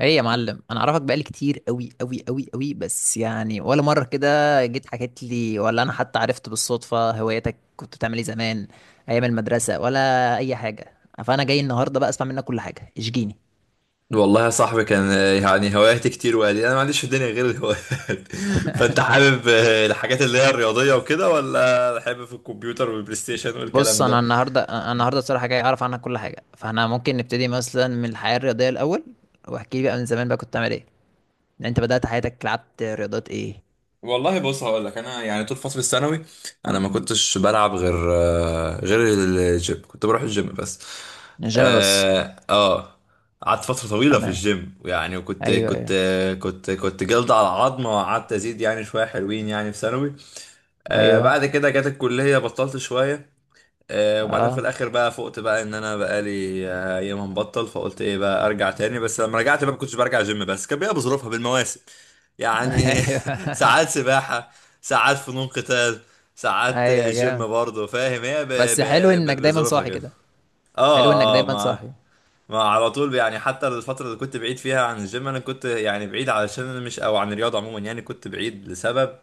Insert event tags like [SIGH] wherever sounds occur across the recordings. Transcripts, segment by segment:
ايه يا معلم، انا اعرفك بقالي كتير قوي قوي قوي قوي، بس يعني ولا مره كده جيت حكيت لي ولا انا حتى عرفت بالصدفه. هواياتك كنت بتعمل ايه زمان ايام المدرسه ولا اي حاجه؟ فانا جاي النهارده بقى اسمع منك كل حاجه، اشجيني. والله يا صاحبي كان يعني هواياتي كتير، وقال لي انا ما عنديش في الدنيا غير الهوايات. [LAUGHS] فانت حابب الحاجات اللي هي الرياضيه وكده، ولا حابب في الكمبيوتر والبلاي ستيشن بص، والكلام ده؟ انا النهارده أنا النهارده الصراحه جاي اعرف عنك كل حاجه، فاحنا ممكن نبتدي مثلا من الحياه الرياضيه الاول. واحكي لي بقى من زمان بقى كنت بتعمل ايه، يعني انت بدات حياتك لعبت رياضات ايه؟ والله بص، هقول لك. انا يعني طول فتره الثانوي انا ما كنتش بلعب غير الجيم، كنت بروح الجيم بس. الجيم بس؟ اه آه. قعدت فتره طويله في تمام. الجيم يعني، وكنت ايوه، كنت ايوه. كنت جلد على عظمه، وقعدت ازيد يعني شويه حلوين يعني في ثانوي. ايوه. بعد كده جت الكليه، بطلت شويه. وبعدين في اه. الاخر بقى فقت بقى ان انا بقالي ايام مبطل، فقلت ايه بقى، ارجع تاني. بس لما رجعت بقى ما كنتش برجع جيم بس، كان بيبقى بظروفها بالمواسم [LAUGHS] يعني. [LAUGHS] ايوه، ساعات سباحة، ساعات فنون قتال، ساعات ايوه، جامد. جيم برضه. فاهم، هي ب- بس حلو ب- انك ب- دايما بظروفها صاحي كده. كده. حلو انك اه اه. دايما ما صاحي. ما على طول يعني. حتى الفترة اللي كنت بعيد فيها عن الجيم، انا كنت يعني بعيد علشان انا مش، او عن الرياضة عموما، يعني كنت بعيد لسبب.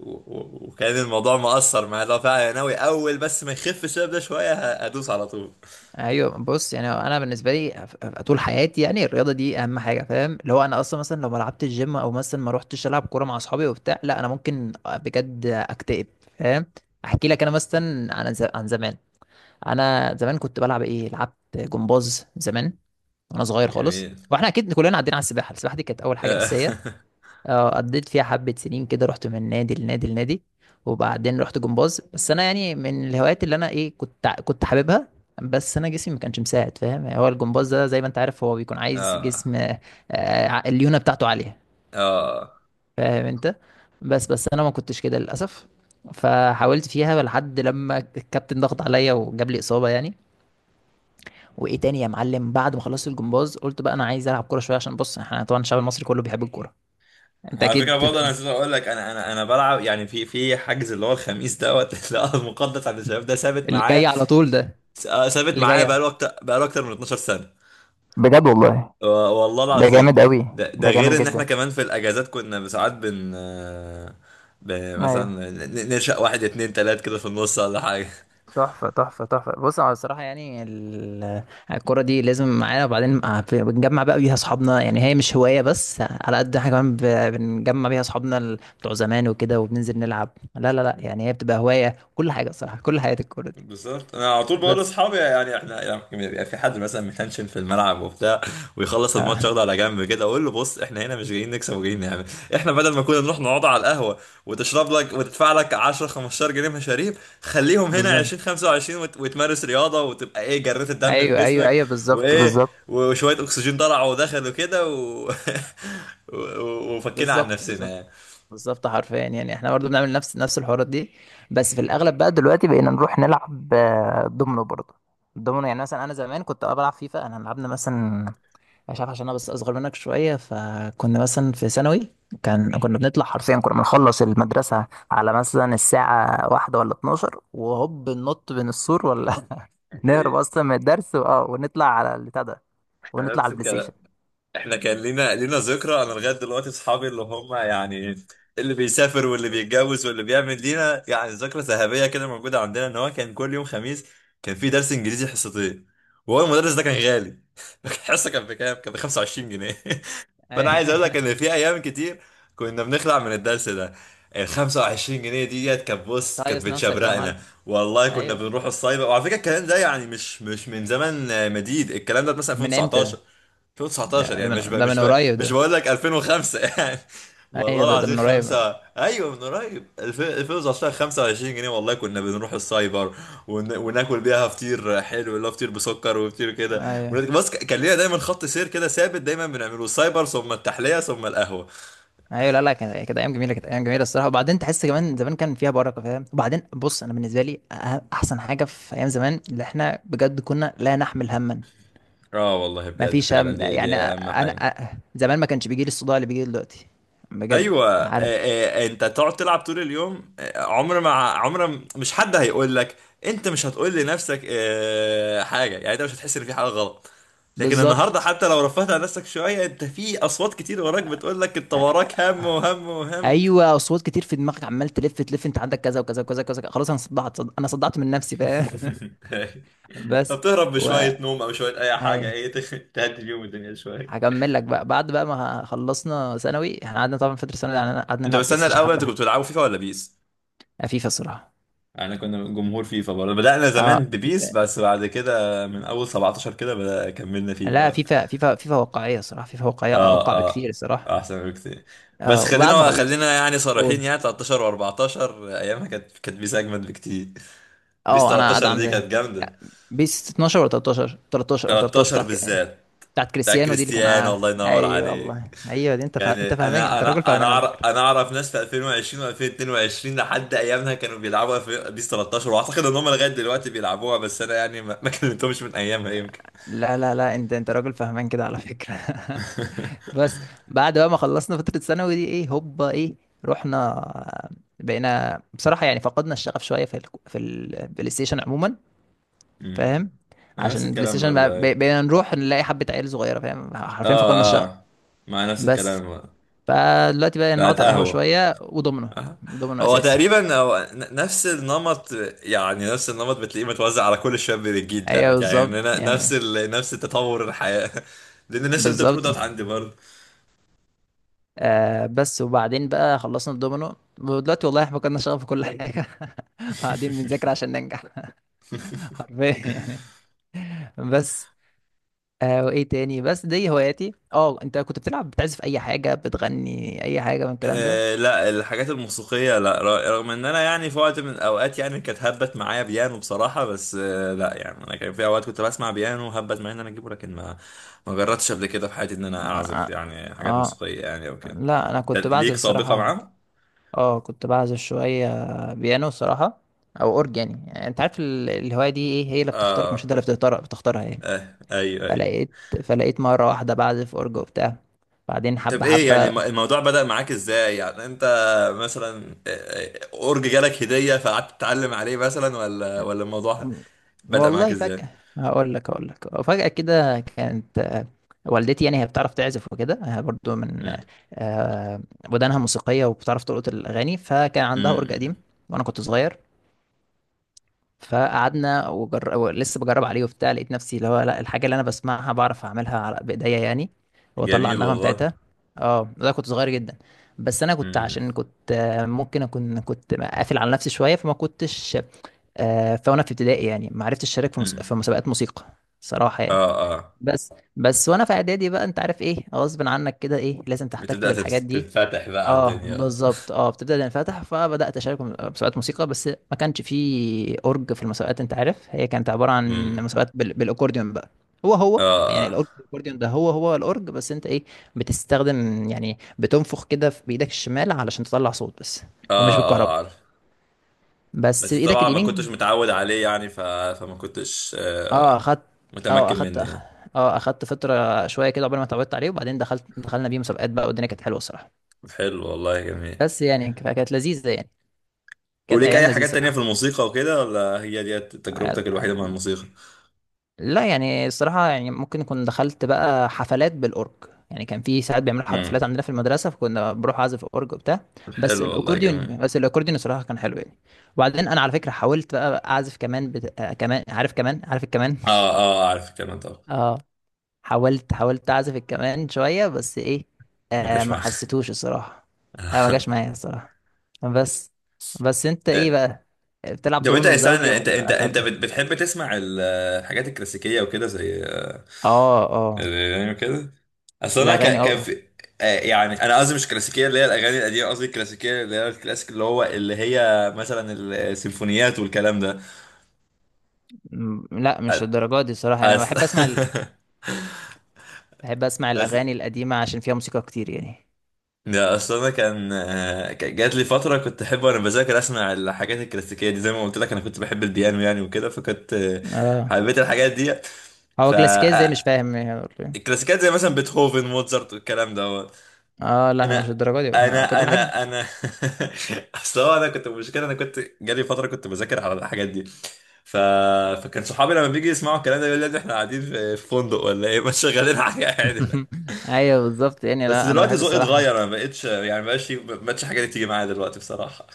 و- وكان الموضوع مأثر معايا. لو فعلا أنا ناوي، أول بس ما يخف الشباب ده شوية، هدوس على طول. ايوه، بص، يعني انا بالنسبه لي طول حياتي يعني الرياضه دي اهم حاجه، فاهم؟ اللي هو انا اصلا مثلا لو ما لعبتش الجيم او مثلا ما روحتش العب كوره مع اصحابي وبتاع، لا انا ممكن بجد اكتئب. فاهم؟ احكي لك انا مثلا عن زمان. انا زمان كنت بلعب ايه، لعبت جمباز زمان وانا صغير خالص. جميل. واحنا اكيد كلنا عدينا على السباحه. السباحه دي كانت اول حاجه آه. اساسيه. [LAUGHS] اه قضيت فيها حبة سنين كده، رحت من نادي لنادي لنادي. وبعدين رحت جمباز، بس انا يعني من الهوايات اللي انا ايه، كنت حاببها، بس انا جسمي ما كانش مساعد. فاهم؟ هو الجمباز ده زي ما انت عارف هو بيكون عايز آه جسم، الليونة بتاعته عالية. آه. فاهم انت؟ بس انا ما كنتش كده للاسف، فحاولت فيها لحد لما الكابتن ضغط عليا وجاب لي اصابة يعني. وايه تاني يا معلم؟ بعد ما خلصت الجمباز قلت بقى انا عايز العب كورة شوية، عشان بص احنا طبعا الشعب المصري كله بيحب الكورة. انت على فكرة اكيد. برضه أنا نسيت أقول لك، أنا بلعب يعني في حجز، اللي هو الخميس دوت. [LAUGHS] لا، المقدس عند الشباب ده ثابت اللي معايا. جاي على طول ده. ثابت اللي معايا جاي. بقاله أكتر من 12 سنة. بجد والله. والله ده العظيم. جامد قوي. ده ده جامد غير إن جدا. إحنا كمان في الأجازات كنا ساعات بن آه، ايوه، مثلا ننشأ واحد اتنين تلات كده في النص ولا حاجة. تحفة، تحفة، تحفة. بص، أنا الصراحة يعني الكرة دي لازم معانا، وبعدين بنجمع بقى بيها أصحابنا، يعني هي مش هواية بس، على قد إحنا كمان بنجمع بيها أصحابنا، بتوع زمان وكده، وبننزل نلعب. لا لا لا، يعني هي بتبقى هواية كل حاجة الصراحة، كل حياة الكرة دي. بالظبط، انا على طول بقول بس. لاصحابي يعني احنا لما بيبقى في حد مثلا متنشن في الملعب وبتاع ويخلص الماتش آه. ياخده على جنب كده، اقول له بص، احنا هنا مش جايين نكسب، وجايين نعمل. احنا بدل ما كنا نروح نقعد على القهوه وتشرب لك وتدفع لك 10 15 جنيه مشاريب، خليهم هنا بالظبط، 20 25. وتمارس رياضه وتبقى ايه، جريت الدم في أيوه، أيوه، جسمك، أيوه، بالظبط، وايه، بالظبط، وشويه اكسجين طلع ودخل وكده [LAUGHS] وفكينا عن بالظبط، نفسنا بالظبط، يعني. بالظبط حرفيا. يعني احنا برضو بنعمل نفس الحوارات دي. بس في الاغلب بقى دلوقتي بقينا نروح نلعب دومينو برضو. الدومينو، يعني مثلا انا زمان كنت بلعب فيفا. انا لعبنا مثلا، مش عارف، عشان انا بس اصغر منك شويه، فكنا مثلا في ثانوي كنا بنطلع، حرفيا كنا بنخلص المدرسه على مثلا الساعه واحدة ولا 12 وهوب ننط بين السور، ولا [LAUGHS] نهرب إيه، اصلا من الدرس ونطلع على البتاع ده، ونطلع على نفس البلاي ستيشن. الكلام. احنا كان لينا ذكرى انا لغايه دلوقتي. اصحابي اللي هم يعني اللي بيسافر، واللي بيتجوز، واللي بيعمل، لينا يعني ذكرى ذهبيه كده موجوده عندنا، ان هو كان كل يوم خميس كان في درس انجليزي حصتين، وهو المدرس ده كان غالي. [LAUGHS] الحصه كان بكام؟ كان ب 25 جنيه. [LAUGHS] فانا أيوة. عايز اقول لك ان [LAUGHS] في ايام كتير كنا بنخلع من الدرس ده. ال 25 جنيه ديت بص كانت تهيص نفسك بقى يا معلم. بتشبرقنا. والله كنا ايوه، بنروح الصايبه. وعلى فكره الكلام ده يعني مش من زمن مديد. الكلام ده مثلا من امتى؟ 2019. 2019 ده يعني مش من بقى ده مش من بقى قريب مش ده. بقول لك 2005 يعني. [LAUGHS] ايوه، والله ده العظيم. من قريب. خمسة. ايوه، من قريب. 2019، 25 جنيه. والله كنا بنروح السايبر وناكل بيها فطير حلو، اللي هو فطير بسكر وفطير كده. ايوه، بس كان لينا دايما خط سير كده ثابت دايما بنعمله، السايبر ثم التحلية ثم القهوة. ايوه. لا لا، كانت ايام جميله، كانت ايام جميله الصراحه. وبعدين تحس كمان زمان كان فيها بركه، فاهم؟ وبعدين بص انا بالنسبه لي، احسن حاجه في ايام زمان اللي احنا بجد كنا لا نحمل هما. اه، والله ما بجد فيش فعلا هم، دي يعني دي اهم انا حاجة. زمان ما كانش بيجي لي الصداع اللي بيجي لي دلوقتي. بجد. ايوه. عارف. انت تقعد تلعب طول اليوم، عمر ما، مش حد هيقول لك. انت مش هتقول لنفسك حاجه يعني، انت مش هتحس ان في حاجه غلط. لكن النهارده بالظبط. حتى لو رفعت عن نفسك شويه، انت في اصوات كتير وراك بتقول لك انت وراك هم وهم وهم. ايوه، اصوات كتير في دماغك عمال تلف تلف، انت عندك كذا وكذا وكذا وكذا، خلاص انا صدعت من نفسي. [LAUGHS] فاهم؟ [LAUGHS] بس فبتهرب و بشوية نوم أو شوية أي حاجة، ايوه، إيه، تهدي اليوم الدنيا شوية. هكمل لك بقى. بعد بقى ما خلصنا ثانوي، احنا قعدنا طبعا فتره ثانوي يعني قعدنا انت نلعب بلاي بستنى ستيشن الاول، انت حبه. كنت بتلعبوا فيفا ولا بيس؟ فيفا الصراحه. احنا كنا جمهور فيفا برضه، بدأنا اه زمان ببيس. فيفا. بس بعد كده من اول 17 كده بدأ كملنا فيفا لا، بقى. فيفا، فيفا، فيفا واقعيه صراحه، فيفا واقعيه اه اوقع بكتير اه، الصراحه. احسن بكتير. بس اه وبعد ما خلينا خلصت. خلينا يعني قول. صريحين، يعني 13 و14 ايامها كانت بيس اجمد بكتير. بيس اه انا 13 ادعم دي زيها. كانت لا جامدة. بيس 12 ولا 13، 13 او 13 13 بتاعت بالذات بتاعت بتاع كريستيانو، دي اللي كان كريستيانو، ع- الله ينور ايوه والله، عليك. ايوه، دي انت فا... يعني انت فاهمان، انا انت راجل انا انا فاهمان على اعرف فكره. انا اعرف ناس في 2020 و2022 لحد ايامها كانوا بيلعبوا في بيس 13، واعتقد ان هم لغايه دلوقتي بيلعبوها. بس انا يعني ما كلمتهمش من ايامها يمكن. لا لا لا، انت راجل فاهمان كده على فكره. [LAUGHS] [LAUGHS] بس. بعد بقى ما خلصنا فترة ثانوي دي ايه، هوبا ايه، رحنا. بقينا بصراحة يعني فقدنا الشغف شوية في البلاي ستيشن عموما. أمم. فاهم؟ أنا عشان نفس البلاي الكلام ستيشن بقى- برضه. بق- أيوة. بقينا نروح نلاقي حبة عيال صغيرة، فاهم؟ حرفيا فقدنا اه الشغف. اه. مع نفس بس الكلام برضه. فدلوقتي بقى نقعد بقت على القهوة قهوه. شوية وضمنه. آه. ضمنه هو أساسي. تقريبا هو نفس النمط. يعني نفس النمط بتلاقيه متوزع على كل الشباب الجيل ايوه دوت. يعني بالظبط إن أنا- نفس يعني. ال... نفس التطور الحياه. [LAUGHS] لان الناس اللي انت بتقوله بالظبط. دوت عندي برضه. بس وبعدين بقى خلصنا الدومينو، ودلوقتي والله احنا فقدنا الشغف في كل حاجة. [LAUGHS] قاعدين [LAUGHS] بنذاكر عشان ننجح. [LAUGHS] حرفيا يعني. بس. وايه تاني؟ بس دي هواياتي. اه انت كنت بتلعب، بتعزف اي حاجة، بتغني اي حاجة من الكلام ده؟ لا، الحاجات الموسيقية لا. رغم ان انا يعني في وقت من الاوقات يعني كانت هبت معايا بيانو بصراحة، بس لا، يعني انا كان في اوقات كنت بسمع بيانو هبت معايا ان انا اجيبه، لكن ما ما جربتش قبل كده في حياتي ان انا اعزف ما- يعني حاجات اه موسيقية يعني او كده. لا، انا انت كنت بعزف ليك سابقة الصراحة. معاهم؟ اه كنت بعزف شوية بيانو الصراحة، او اورج يعني. يعني انت عارف الهواية دي، ايه هي اللي بتختارك مش اه انت اللي بتختارها يعني. آه، ايوه ايوه. فلقيت فلقيت مرة واحدة بعزف اورج وبتاع، بعدين طب حبة ايه يعني، حبة. الموضوع بدأ معاك ازاي يعني، انت مثلا اورج جالك هدية فقعدت تتعلم عليه مثلا، ولا الموضوع بدأ معاك والله ازاي؟ فجأة، هقول لك فجأة كده كانت. والدتي يعني هي بتعرف تعزف وكده، برضو من مم. آه، ودانها موسيقية، وبتعرف تلقط الأغاني، فكان عندها أورج مم. قديم وأنا كنت صغير. فقعدنا لسه بجرب عليه وبتاع، لقيت نفسي اللي هو، لا، الحاجة اللي أنا بسمعها بعرف أعملها على بإيديا يعني، وأطلع جميل النغمة والله. بتاعتها. اه ده كنت صغير جدا. بس أنا كنت امم. عشان كنت ممكن أكون كنت قافل على نفسي شوية، فما كنتش. فانا في ابتدائي يعني ما عرفتش اشارك في مس- امم. في مسابقات موسيقى صراحه يعني. اه اه. بس بس وانا في اعدادي بقى، انت عارف ايه غصب عنك كده، ايه لازم تحتك بتبدأ بالحاجات دي. تتفتح بقى على اه الدنيا. بالظبط، اه بتبدا تنفتح، فبدات اشارك في مسابقات موسيقى، بس ما كانش فيه اورج في المسابقات. انت عارف، هي كانت عباره عن امم. مسابقات بالاكورديون بقى. هو هو اه يعني اه. الاكورديون ده هو هو الاورج، بس انت ايه بتستخدم يعني؟ بتنفخ كده في بايدك الشمال علشان تطلع صوت بس، اه ومش بالكهرباء، اه، عارف. بس بس بايدك طبعا ما اليمين. كنتش متعود عليه يعني فما كنتش اه اخدت. اه متمكن اخدت مني أخ... يعني. اه اخدت فترة شوية كده قبل ما اتعودت عليه، وبعدين دخلنا بيه مسابقات بقى، والدنيا كانت حلوة الصراحة. حلو والله، جميل. بس يعني كانت لذيذة يعني. كانت وليك ايام اي لذيذة حاجات تانية في الصراحة. الموسيقى وكده، ولا هي دي آه، تجربتك الوحيدة مع الموسيقى؟ لا يعني الصراحة يعني ممكن كنت دخلت بقى حفلات بالأورج. يعني كان في ساعات بيعملوا امم. حفلات عندنا في المدرسة، فكنا بروح أعزف أورج وبتاع. بس حلو والله، جميل. الأكورديون بس الأكورديون الصراحة كان حلو يعني. وبعدين أنا على فكرة حاولت بقى أعزف كمان بت... آه كمان عارف الكمان. اه اه، عارف الكلام طبعا. [LAUGHS] حاولت اعزف الكمان شويه، بس ايه، ما جاش ما معاك. حسيتوش الصراحه، ما جاش [LAUGHS] معايا الصراحه. بس بس انت ايه آه، بقى، بتلعب طب انت، دومينو يا زوجي سنة، انت انت ولا انت فردي؟ بت- بتحب تسمع الحاجات الكلاسيكية وكده زي اه اه، يعني كده. اصل انا الاغاني، كان اه. في يعني انا قصدي مش كلاسيكيه اللي هي الاغاني القديمه. قصدي الكلاسيكيه اللي هي الكلاسيك، اللي هي مثلا السيمفونيات والكلام ده. لا مش الدرجات دي صراحه، انا أصل بحب اسمع بحب اسمع [LAUGHS] أصل الاغاني القديمه عشان فيها موسيقى كتير يعني. لا، أصل أنا كان جات لي فترة كنت أحب وأنا بذاكر أسمع الحاجات الكلاسيكية دي. زي ما قلت لك، أنا كنت بحب البيانو يعني وكده، فكنت اه، حبيت الحاجات دي. هو ف كلاسيكيه ازاي مش آه، فاهم يعني. الكلاسيكيات زي مثلا بيتهوفن، موزارت والكلام ده. اه لا مش انا الدرجات دي كنت انا بحب. انا انا [LAUGHS] اصل هو انا كنت، المشكله انا كنت جالي فتره كنت بذاكر على الحاجات دي ف... فكان صحابي لما بيجي يسمعوا الكلام ده يقول لي يا ابني احنا قاعدين في فندق ولا ايه. [LAUGHS] مش شغالين حاجه عادي. [LAUGHS] ايوه بالظبط يعني، بس لا انا دلوقتي بحب ذوقي الصراحه. اتغير، انا ما بقتش يعني ما بقتش ما بقتش حاجه دي تيجي معايا دلوقتي بصراحه.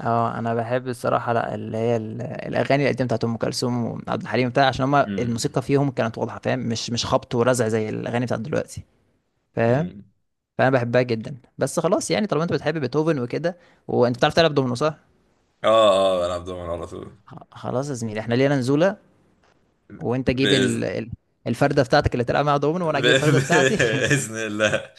اه انا بحب الصراحه، لا اللي هي الاغاني القديمه بتاعت ام كلثوم وعبد الحليم بتاع، عشان هما امم. الموسيقى فيهم كانت واضحه، فاهم؟ مش خبط ورزع زي الاغاني بتاعت دلوقتي. فاهم؟ أمم. فانا بحبها جدا، بس خلاص يعني طالما انت بتحب بيتهوفن وكده، وانت بتعرف تلعب دومينو، صح؟ اه اه، بلعب دومين على طول. خلاص يا زميلي احنا لينا نزوله، وانت جيب باذن الفرده بتاعتك اللي تلعب معاها دومينو، وانا ب... اجيب [LAUGHS] الفرده بتاعتي. [LAUGHS] باذن الله.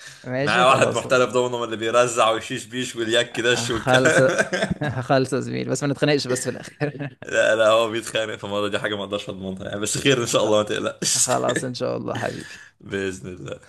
معايا ماشي واحد خلاص. محترف دومينو، من اللي بيرزع ويشيش بيش واليك دش خلص. والكلام. [LAUGHS] [LAUGHS] خلص يا زميلي بس ما نتخانقش بس في الاخر. لا لا، هو بيتخانق. فالمرة دي حاجة ما اقدرش اضمنها يعني، بس خير ان [LAUGHS] شاء خ- الله، ما تقلقش. خلاص ان شاء [LAUGHS] الله حبيبي. بإذن الله.